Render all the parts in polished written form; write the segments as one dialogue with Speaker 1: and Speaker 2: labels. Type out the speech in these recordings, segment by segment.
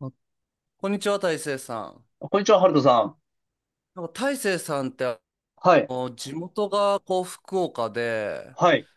Speaker 1: あ、こんにちは、大成さん。
Speaker 2: こんにちは、ハルトさん。
Speaker 1: なんか大成さんって
Speaker 2: はい、
Speaker 1: 地元がこう福岡で、
Speaker 2: はい、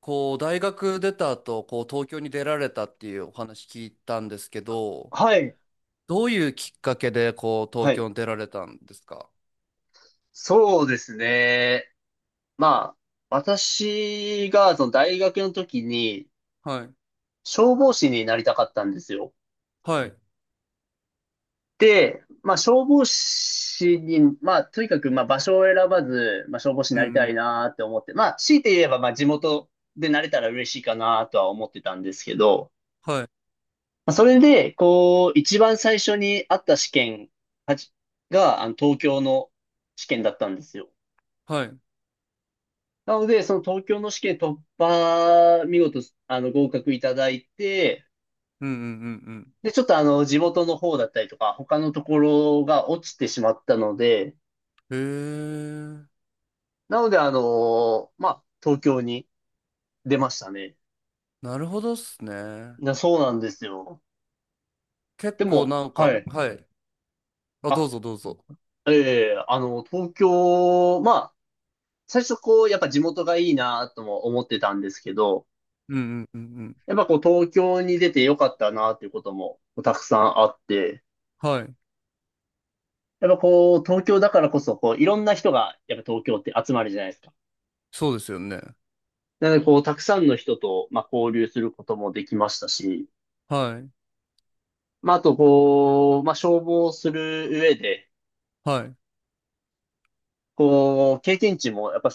Speaker 1: こう大学出た後、こう東京に出られたっていうお話聞いたんですけど、
Speaker 2: はい、
Speaker 1: どういうきっかけでこう
Speaker 2: は
Speaker 1: 東
Speaker 2: い。
Speaker 1: 京に出られたんですか？
Speaker 2: そうですね。まあ、私が、その大学の時に、
Speaker 1: はい。
Speaker 2: 消防士になりたかったんですよ。
Speaker 1: はい。
Speaker 2: で、まあ、消防士に、まあ、とにかく、まあ、場所を選ばず、まあ、消防士に
Speaker 1: うん
Speaker 2: なり
Speaker 1: う
Speaker 2: た
Speaker 1: ん。
Speaker 2: いなって思って、まあ、強いて言えば、まあ、地元でなれたら嬉しいかなとは思ってたんですけど、
Speaker 1: はい。
Speaker 2: まあ、それで、こう、一番最初にあった試験はじが、東京の試験だったんですよ。
Speaker 1: はい。うん
Speaker 2: なので、その東京の試験突破、見事、合格いただいて、
Speaker 1: うんうん
Speaker 2: で、ちょっと地元の方だったりとか、他のところが落ちてしまったので、
Speaker 1: うん。へえ。
Speaker 2: なので、まあ、東京に出ましたね。
Speaker 1: なるほどっすね。
Speaker 2: そうなんですよ。で
Speaker 1: 結構
Speaker 2: も、
Speaker 1: なんか、
Speaker 2: はい。
Speaker 1: はい。あ、どう
Speaker 2: あ、
Speaker 1: ぞどうぞ。
Speaker 2: え東京、まあ、最初こう、やっぱ地元がいいなとも思ってたんですけど、
Speaker 1: うんうんうんうん。
Speaker 2: やっぱこう、東京に出てよかったなっていうこともたくさんあって、
Speaker 1: はい。
Speaker 2: やっぱこう、東京だからこそ、こう、いろんな人が、やっぱ東京って集まるじゃないですか。
Speaker 1: そうですよね。
Speaker 2: なので、こう、たくさんの人と、まあ、交流することもできましたし、
Speaker 1: はい。
Speaker 2: まあ、あと、こう、まあ、消防する上で、
Speaker 1: はい。
Speaker 2: こう、経験値も、やっぱ、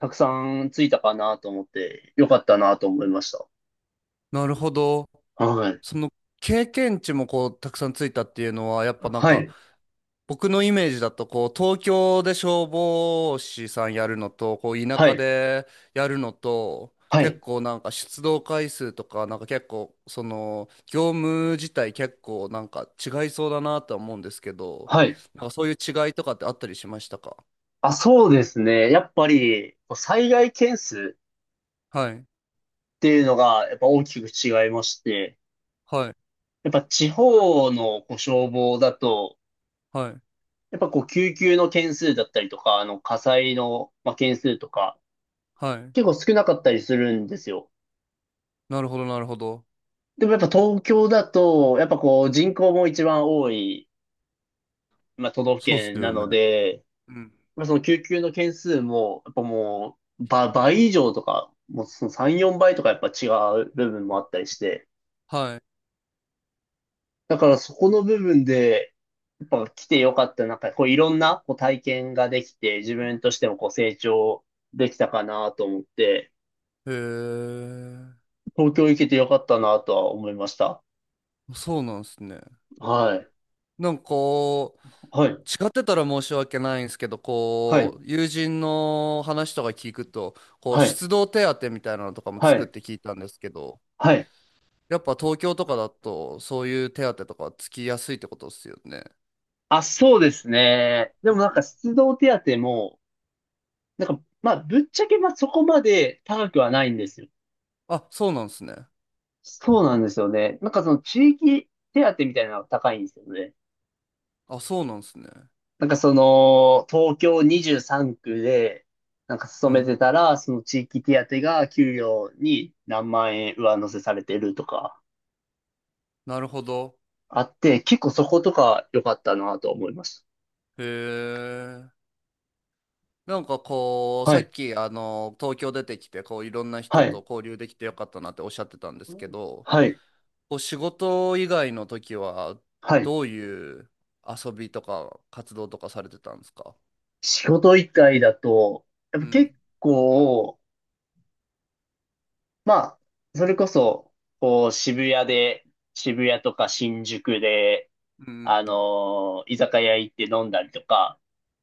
Speaker 2: たくさんついたかなと思って、よかったなと思いました。
Speaker 1: なるほど。
Speaker 2: はい。
Speaker 1: その、経験値もこうたくさんついたっていうのは、やっぱなん
Speaker 2: は
Speaker 1: か
Speaker 2: い。
Speaker 1: 僕のイメージだとこう東京で消防士さんやるのとこう田
Speaker 2: は
Speaker 1: 舎
Speaker 2: い。
Speaker 1: でやるのと
Speaker 2: は
Speaker 1: 結
Speaker 2: い。
Speaker 1: 構なんか出動回数とかなんか結構その業務自体結構なんか違いそうだなとは思うんですけど、
Speaker 2: はい。
Speaker 1: なんかそういう違いとかってあったりしましたか？
Speaker 2: あ、そうですね。やっぱり、こう災害件数
Speaker 1: はい
Speaker 2: っていうのが、やっぱ大きく違いまして、
Speaker 1: はい
Speaker 2: やっぱ地方のこう消防だと、
Speaker 1: はい
Speaker 2: やっぱこう、救急の件数だったりとか、火災の、まあ、件数とか、
Speaker 1: はい。
Speaker 2: 結構少なかったりするんですよ。
Speaker 1: なるほどなるほど。
Speaker 2: でもやっぱ東京だと、やっぱこう、人口も一番多い、まあ、都道府
Speaker 1: そうっす
Speaker 2: 県
Speaker 1: よ
Speaker 2: な
Speaker 1: ね。
Speaker 2: ので、
Speaker 1: うん。
Speaker 2: まあ、その救急の件数も、やっぱもう、倍以上とか、もうその3、4倍とかやっぱ違う部分もあったりして、
Speaker 1: はい。
Speaker 2: だからそこの部分で、やっぱ来てよかった、なんかこういろんなこう体験ができて、自分としてもこう成長できたかなと思って、
Speaker 1: へえ。
Speaker 2: 東京行けてよかったなとは思いました。
Speaker 1: そうなんですね。
Speaker 2: はい。
Speaker 1: なんかこ
Speaker 2: はい。
Speaker 1: う、違ってたら申し訳ないんですけど、
Speaker 2: はい。
Speaker 1: こう、友人の話とか聞くと、こう、
Speaker 2: はい。
Speaker 1: 出動手当みたいなのとかも
Speaker 2: は
Speaker 1: つくっ
Speaker 2: い。
Speaker 1: て聞いたんですけど、
Speaker 2: はい。
Speaker 1: やっぱ東京とかだと、そういう手当とかつきやすいってことですよね？
Speaker 2: あ、そうですね。で
Speaker 1: う
Speaker 2: もなんか
Speaker 1: ん。
Speaker 2: 出動手当も、なんか、まあ、ぶっちゃけまあそこまで高くはないんですよ。
Speaker 1: あ、そうなんですね。
Speaker 2: そうなんですよね。なんかその地域手当みたいなのが高いんですよね。
Speaker 1: あ、そうなんですね。
Speaker 2: なんかその、東京23区で、なんか勤
Speaker 1: う
Speaker 2: め
Speaker 1: ん。
Speaker 2: てたら、その地域手当が給料に何万円上乗せされてるとか
Speaker 1: なるほど。
Speaker 2: あって、結構そことか良かったなと思いました。
Speaker 1: へえ。なんかこう、さ
Speaker 2: は
Speaker 1: っ
Speaker 2: い、
Speaker 1: き、東京出てきて、こう、いろんな人
Speaker 2: はい、
Speaker 1: と交流できてよかったなっておっしゃってたんですけど、
Speaker 2: はい、
Speaker 1: お仕事以外の時は、
Speaker 2: はい。
Speaker 1: どういう遊びとか活動とかされてたんですか？
Speaker 2: 仕事以外だと、やっ
Speaker 1: う
Speaker 2: ぱ結
Speaker 1: ん。
Speaker 2: 構、まあ、それこそ、こう、渋谷で、渋谷とか新宿で、
Speaker 1: うん。
Speaker 2: 居酒屋行って飲んだりとか、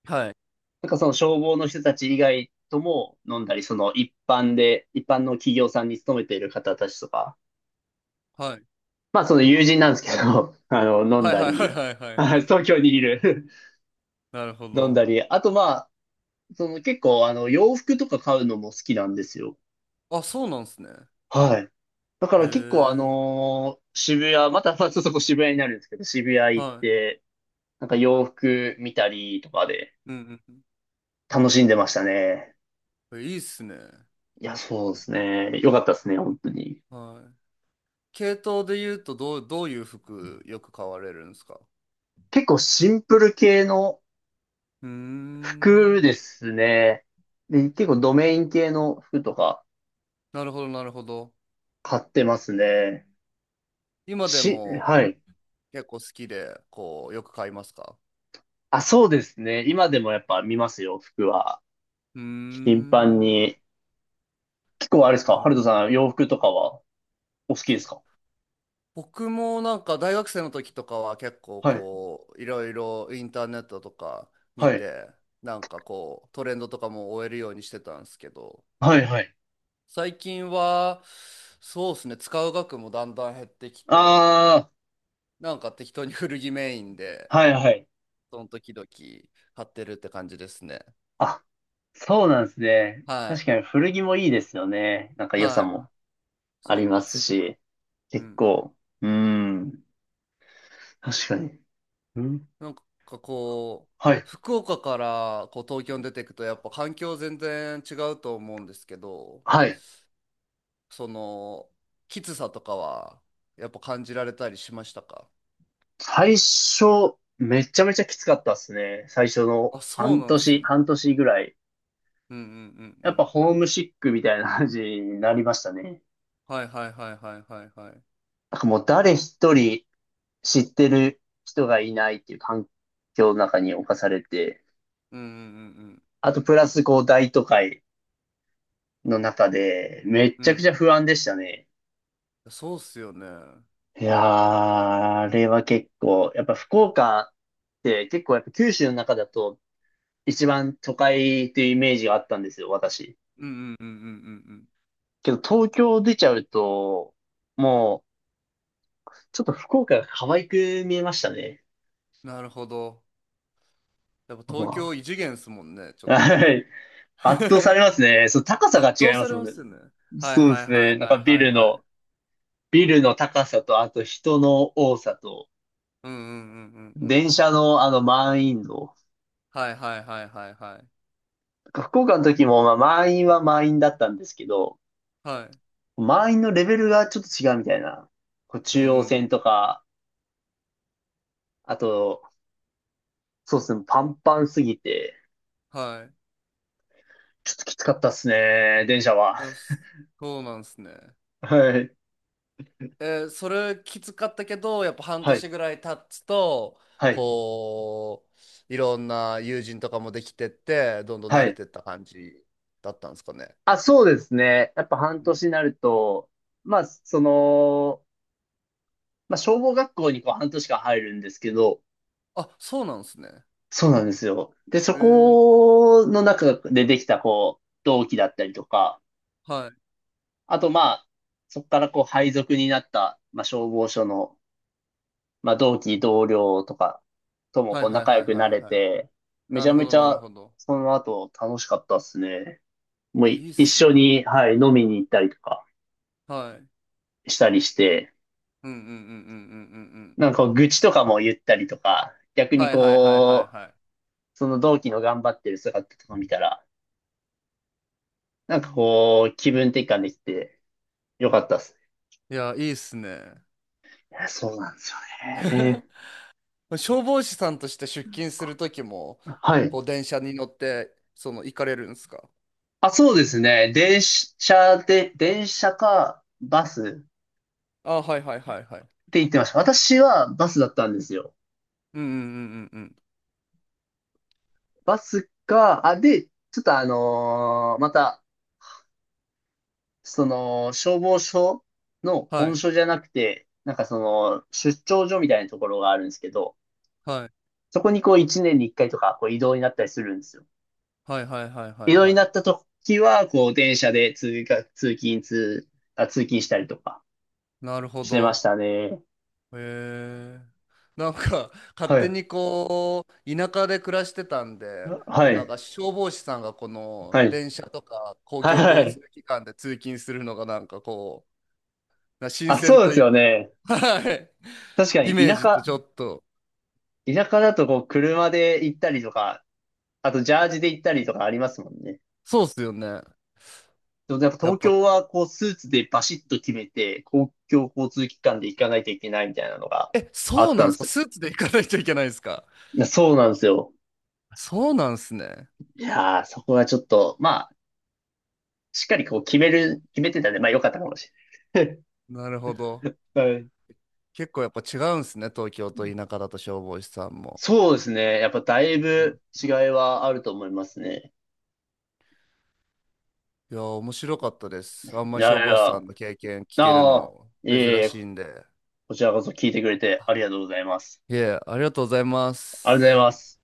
Speaker 1: はい。
Speaker 2: なんかその消防の人たち以外とも飲んだり、その一般の企業さんに勤めている方たちとか、
Speaker 1: はい。
Speaker 2: まあその友人なんですけど、飲ん
Speaker 1: はい
Speaker 2: だ
Speaker 1: はいはい
Speaker 2: り、
Speaker 1: はいは い
Speaker 2: は
Speaker 1: は
Speaker 2: い
Speaker 1: い。
Speaker 2: 東京にいる
Speaker 1: なるほ
Speaker 2: 飲ん
Speaker 1: ど。
Speaker 2: だり、あとその結構洋服とか買うのも好きなんですよ。
Speaker 1: あ、そうなんですね。
Speaker 2: はい。だか
Speaker 1: へ
Speaker 2: ら結構
Speaker 1: え。
Speaker 2: 渋谷、またまあちょっとこう渋谷になるんですけど、渋谷行っ
Speaker 1: は
Speaker 2: て、なんか洋服見たりとかで
Speaker 1: い。うん
Speaker 2: 楽しんでましたね。
Speaker 1: うん、いいっすね。
Speaker 2: いや、そうですね。よかったですね、本当に。
Speaker 1: はい。系統で言うと、どういう服よく買われるんですか？
Speaker 2: 結構シンプル系の
Speaker 1: うー
Speaker 2: 服
Speaker 1: ん。
Speaker 2: ですね。で、結構ドメイン系の服とか
Speaker 1: なるほど、なるほど。
Speaker 2: 買ってますね。
Speaker 1: 今でも
Speaker 2: はい。
Speaker 1: 結構好きで、こう、よく買いますか？
Speaker 2: あ、そうですね。今でもやっぱ見ますよ、服は。
Speaker 1: うー
Speaker 2: 頻繁
Speaker 1: ん。
Speaker 2: に。結構あれですか
Speaker 1: なる
Speaker 2: ハルト
Speaker 1: ほ
Speaker 2: さん、
Speaker 1: ど。
Speaker 2: 洋服とかはお好きですか？
Speaker 1: 僕もなんか大学生の時とかは結構
Speaker 2: はい、
Speaker 1: こういろいろインターネットとか見
Speaker 2: はい、
Speaker 1: てなんかこうトレンドとかも追えるようにしてたんですけど、
Speaker 2: はい、はい。
Speaker 1: 最近は、そうですね、使う額もだんだん減ってきて
Speaker 2: あ
Speaker 1: なんか適当に古着メインで
Speaker 2: あー、はいはい。
Speaker 1: その時々買ってるって感じですね。
Speaker 2: あ、そうなんですね。
Speaker 1: は
Speaker 2: 確
Speaker 1: い
Speaker 2: かに古着もいいですよね。なんか良さ
Speaker 1: はい。
Speaker 2: もあ
Speaker 1: そう
Speaker 2: り
Speaker 1: な
Speaker 2: ま
Speaker 1: んで
Speaker 2: す
Speaker 1: すよ。
Speaker 2: し、
Speaker 1: う
Speaker 2: 結
Speaker 1: ん。
Speaker 2: 構。うーん、確かに。うん、
Speaker 1: なんかこう、
Speaker 2: はい、
Speaker 1: 福岡からこう東京に出ていくとやっぱ環境全然違うと思うんですけど、
Speaker 2: はい。
Speaker 1: その、きつさとかは、やっぱ感じられたりしましたか？
Speaker 2: 最初、めちゃめちゃきつかったっすね。最初の
Speaker 1: あ、そう
Speaker 2: 半
Speaker 1: なんす
Speaker 2: 年、
Speaker 1: ね。
Speaker 2: 半年ぐらい。
Speaker 1: うんうんう
Speaker 2: や
Speaker 1: んう
Speaker 2: っぱ
Speaker 1: ん。
Speaker 2: ホームシックみたいな感じになりましたね。
Speaker 1: はいはいはいはいはいはい。
Speaker 2: なんかもう誰一人知ってる人がいないっていう環境の中に侵されて、
Speaker 1: うんうんうん
Speaker 2: あとプラスこう大都会の中でめっ
Speaker 1: う
Speaker 2: ちゃく
Speaker 1: ん。
Speaker 2: ちゃ不安でしたね。
Speaker 1: うん。そうっすよね。うん。
Speaker 2: いやー、あれは結構、やっぱ福岡って結構やっぱ九州の中だと一番都会っていうイメージがあったんですよ、私。
Speaker 1: うんうんうんうんうん。
Speaker 2: けど東京出ちゃうと、もうちょっと福岡が可愛く見えましたね。
Speaker 1: なるほど。やっぱ
Speaker 2: ま
Speaker 1: 東京異次元っすもんね、ちょっ
Speaker 2: あ
Speaker 1: と。
Speaker 2: はい。圧倒され ますね。そう、高さが
Speaker 1: 圧
Speaker 2: 違
Speaker 1: 倒
Speaker 2: いま
Speaker 1: さ
Speaker 2: す
Speaker 1: れ
Speaker 2: も
Speaker 1: ま
Speaker 2: んね。
Speaker 1: すよね。はい
Speaker 2: そうで
Speaker 1: はい
Speaker 2: す
Speaker 1: はい
Speaker 2: ね。なん
Speaker 1: は
Speaker 2: か
Speaker 1: い
Speaker 2: ビ
Speaker 1: はい
Speaker 2: ル
Speaker 1: はい。
Speaker 2: の、ビルの高さと、あと人の多さと、
Speaker 1: うんうんうんうんうん。
Speaker 2: 電車の満員の、
Speaker 1: はいはいはいはいはい。
Speaker 2: 福岡の時もまあ満員は満員だったんですけど、
Speaker 1: はい。
Speaker 2: 満員のレベルがちょっと違うみたいな。こう
Speaker 1: うんう
Speaker 2: 中
Speaker 1: んう
Speaker 2: 央線
Speaker 1: ん。
Speaker 2: とか、あと、そうですね、パンパンすぎて、
Speaker 1: はい。
Speaker 2: ちょっときつかったっすね、電車は。
Speaker 1: いや、そうなんすね。
Speaker 2: はい、
Speaker 1: それきつかったけど、やっぱ半
Speaker 2: はい、
Speaker 1: 年ぐらい経つと、
Speaker 2: はい、
Speaker 1: こう、いろんな友人とかもできてって、どんどん
Speaker 2: は
Speaker 1: 慣れ
Speaker 2: い。
Speaker 1: てった感じだったんですかね？
Speaker 2: あ、そうですね。やっぱ半
Speaker 1: うん。
Speaker 2: 年になると、まあ、その、まあ、消防学校にこう半年間入るんですけど、
Speaker 1: あ、そうなんですね。
Speaker 2: そうなんですよ。で、そ
Speaker 1: えー、
Speaker 2: この中でできたこう、同期だったりとか、
Speaker 1: はい。
Speaker 2: あとまあ、そこからこう配属になった、まあ、消防署の、まあ、同期同僚とかとも
Speaker 1: はい
Speaker 2: こう
Speaker 1: はい
Speaker 2: 仲
Speaker 1: は
Speaker 2: 良
Speaker 1: い
Speaker 2: く
Speaker 1: は
Speaker 2: な
Speaker 1: い
Speaker 2: れ
Speaker 1: はい。
Speaker 2: て、め
Speaker 1: な
Speaker 2: ちゃ
Speaker 1: るほ
Speaker 2: め
Speaker 1: ど
Speaker 2: ち
Speaker 1: なる
Speaker 2: ゃ
Speaker 1: ほど。
Speaker 2: その後楽しかったっすね。
Speaker 1: い
Speaker 2: もう
Speaker 1: や、い
Speaker 2: い
Speaker 1: いっ
Speaker 2: 一
Speaker 1: すね。
Speaker 2: 緒に、はい、飲みに行ったりとか
Speaker 1: はい。うん
Speaker 2: したりして、
Speaker 1: うんうんうんうんうんうん。
Speaker 2: なんかこう愚痴とかも言ったりとか、逆に
Speaker 1: はいはいはいはい
Speaker 2: こ
Speaker 1: は
Speaker 2: う、その同期の頑張ってる姿とか見たら、なんかこう、気分転換できてよかったっす
Speaker 1: い。いや、いいっすね。
Speaker 2: ね。そうなんですよね。
Speaker 1: 消防士さんとして出勤するときも、
Speaker 2: はい。
Speaker 1: こう電車に乗って、その行かれるんですか？
Speaker 2: あ、そうですね。電車かバスっ
Speaker 1: あ、はいはいはいいはい。
Speaker 2: て言ってました。私はバスだったんですよ。
Speaker 1: うんうんうんうんうん。
Speaker 2: バスか、あ、で、ちょっとまた、その、消防署の
Speaker 1: は
Speaker 2: 本
Speaker 1: い。
Speaker 2: 署じゃなくて、なんかその、出張所みたいなところがあるんですけど、
Speaker 1: はい。
Speaker 2: そこにこう1年に1回とかこう移動になったりするんですよ。
Speaker 1: はいはいはいは
Speaker 2: 移
Speaker 1: い
Speaker 2: 動に
Speaker 1: は
Speaker 2: な
Speaker 1: い。
Speaker 2: った時は、こう、電車で通学、通勤、通、あ、通勤したりとか
Speaker 1: なるほ
Speaker 2: してまし
Speaker 1: ど。
Speaker 2: たね。
Speaker 1: へえ。なんか、勝
Speaker 2: は
Speaker 1: 手
Speaker 2: い。
Speaker 1: にこう、田舎で暮らしてたんで、こ
Speaker 2: は
Speaker 1: うなんか
Speaker 2: い。
Speaker 1: 消防士さんがこ
Speaker 2: は
Speaker 1: の
Speaker 2: い。
Speaker 1: 電車とか公共
Speaker 2: は
Speaker 1: 交
Speaker 2: い。
Speaker 1: 通機関で通勤するのがなんかこう、な新
Speaker 2: あ、
Speaker 1: 鮮
Speaker 2: そう
Speaker 1: と
Speaker 2: で
Speaker 1: い
Speaker 2: す
Speaker 1: う、
Speaker 2: よね。
Speaker 1: はい。
Speaker 2: 確か
Speaker 1: イ
Speaker 2: に、
Speaker 1: メー
Speaker 2: 田
Speaker 1: ジと
Speaker 2: 舎、
Speaker 1: ちょっと、
Speaker 2: 田舎だと、こう、車で行ったりとか、あと、ジャージで行ったりとかありますもんね。
Speaker 1: そうっすよね。
Speaker 2: でも、やっぱ
Speaker 1: やっ
Speaker 2: 東
Speaker 1: ぱ、
Speaker 2: 京は、こう、スーツでバシッと決めて、公共交通機関で行かないといけないみたいなのが
Speaker 1: え、
Speaker 2: あ
Speaker 1: そ
Speaker 2: っ
Speaker 1: うな
Speaker 2: たん
Speaker 1: ん
Speaker 2: で
Speaker 1: すか、
Speaker 2: す。
Speaker 1: スーツで行かないといけないんすか？
Speaker 2: いやそうなんですよ。
Speaker 1: そうなんすね。
Speaker 2: いやー、そこがちょっと、しっかりこう決めてたんで、まあ良かったかもしれない。
Speaker 1: なるほど。
Speaker 2: はい。
Speaker 1: 結構やっぱ違うんすね、東京と田舎だと消防士さんも。
Speaker 2: そうですね。やっぱだい
Speaker 1: うん。
Speaker 2: ぶ違いはあると思いますね。
Speaker 1: いやー、面白かったで
Speaker 2: い
Speaker 1: す。あんまり消
Speaker 2: やい
Speaker 1: 防士
Speaker 2: や、
Speaker 1: さ
Speaker 2: あ
Speaker 1: んの経験聞ける
Speaker 2: あ、
Speaker 1: の
Speaker 2: いえい
Speaker 1: 珍
Speaker 2: え、
Speaker 1: しいんで。
Speaker 2: こちらこそ聞いてくれてありがとうございます。
Speaker 1: いえ、ありがとうございま
Speaker 2: ありがとうござい
Speaker 1: す。
Speaker 2: ます。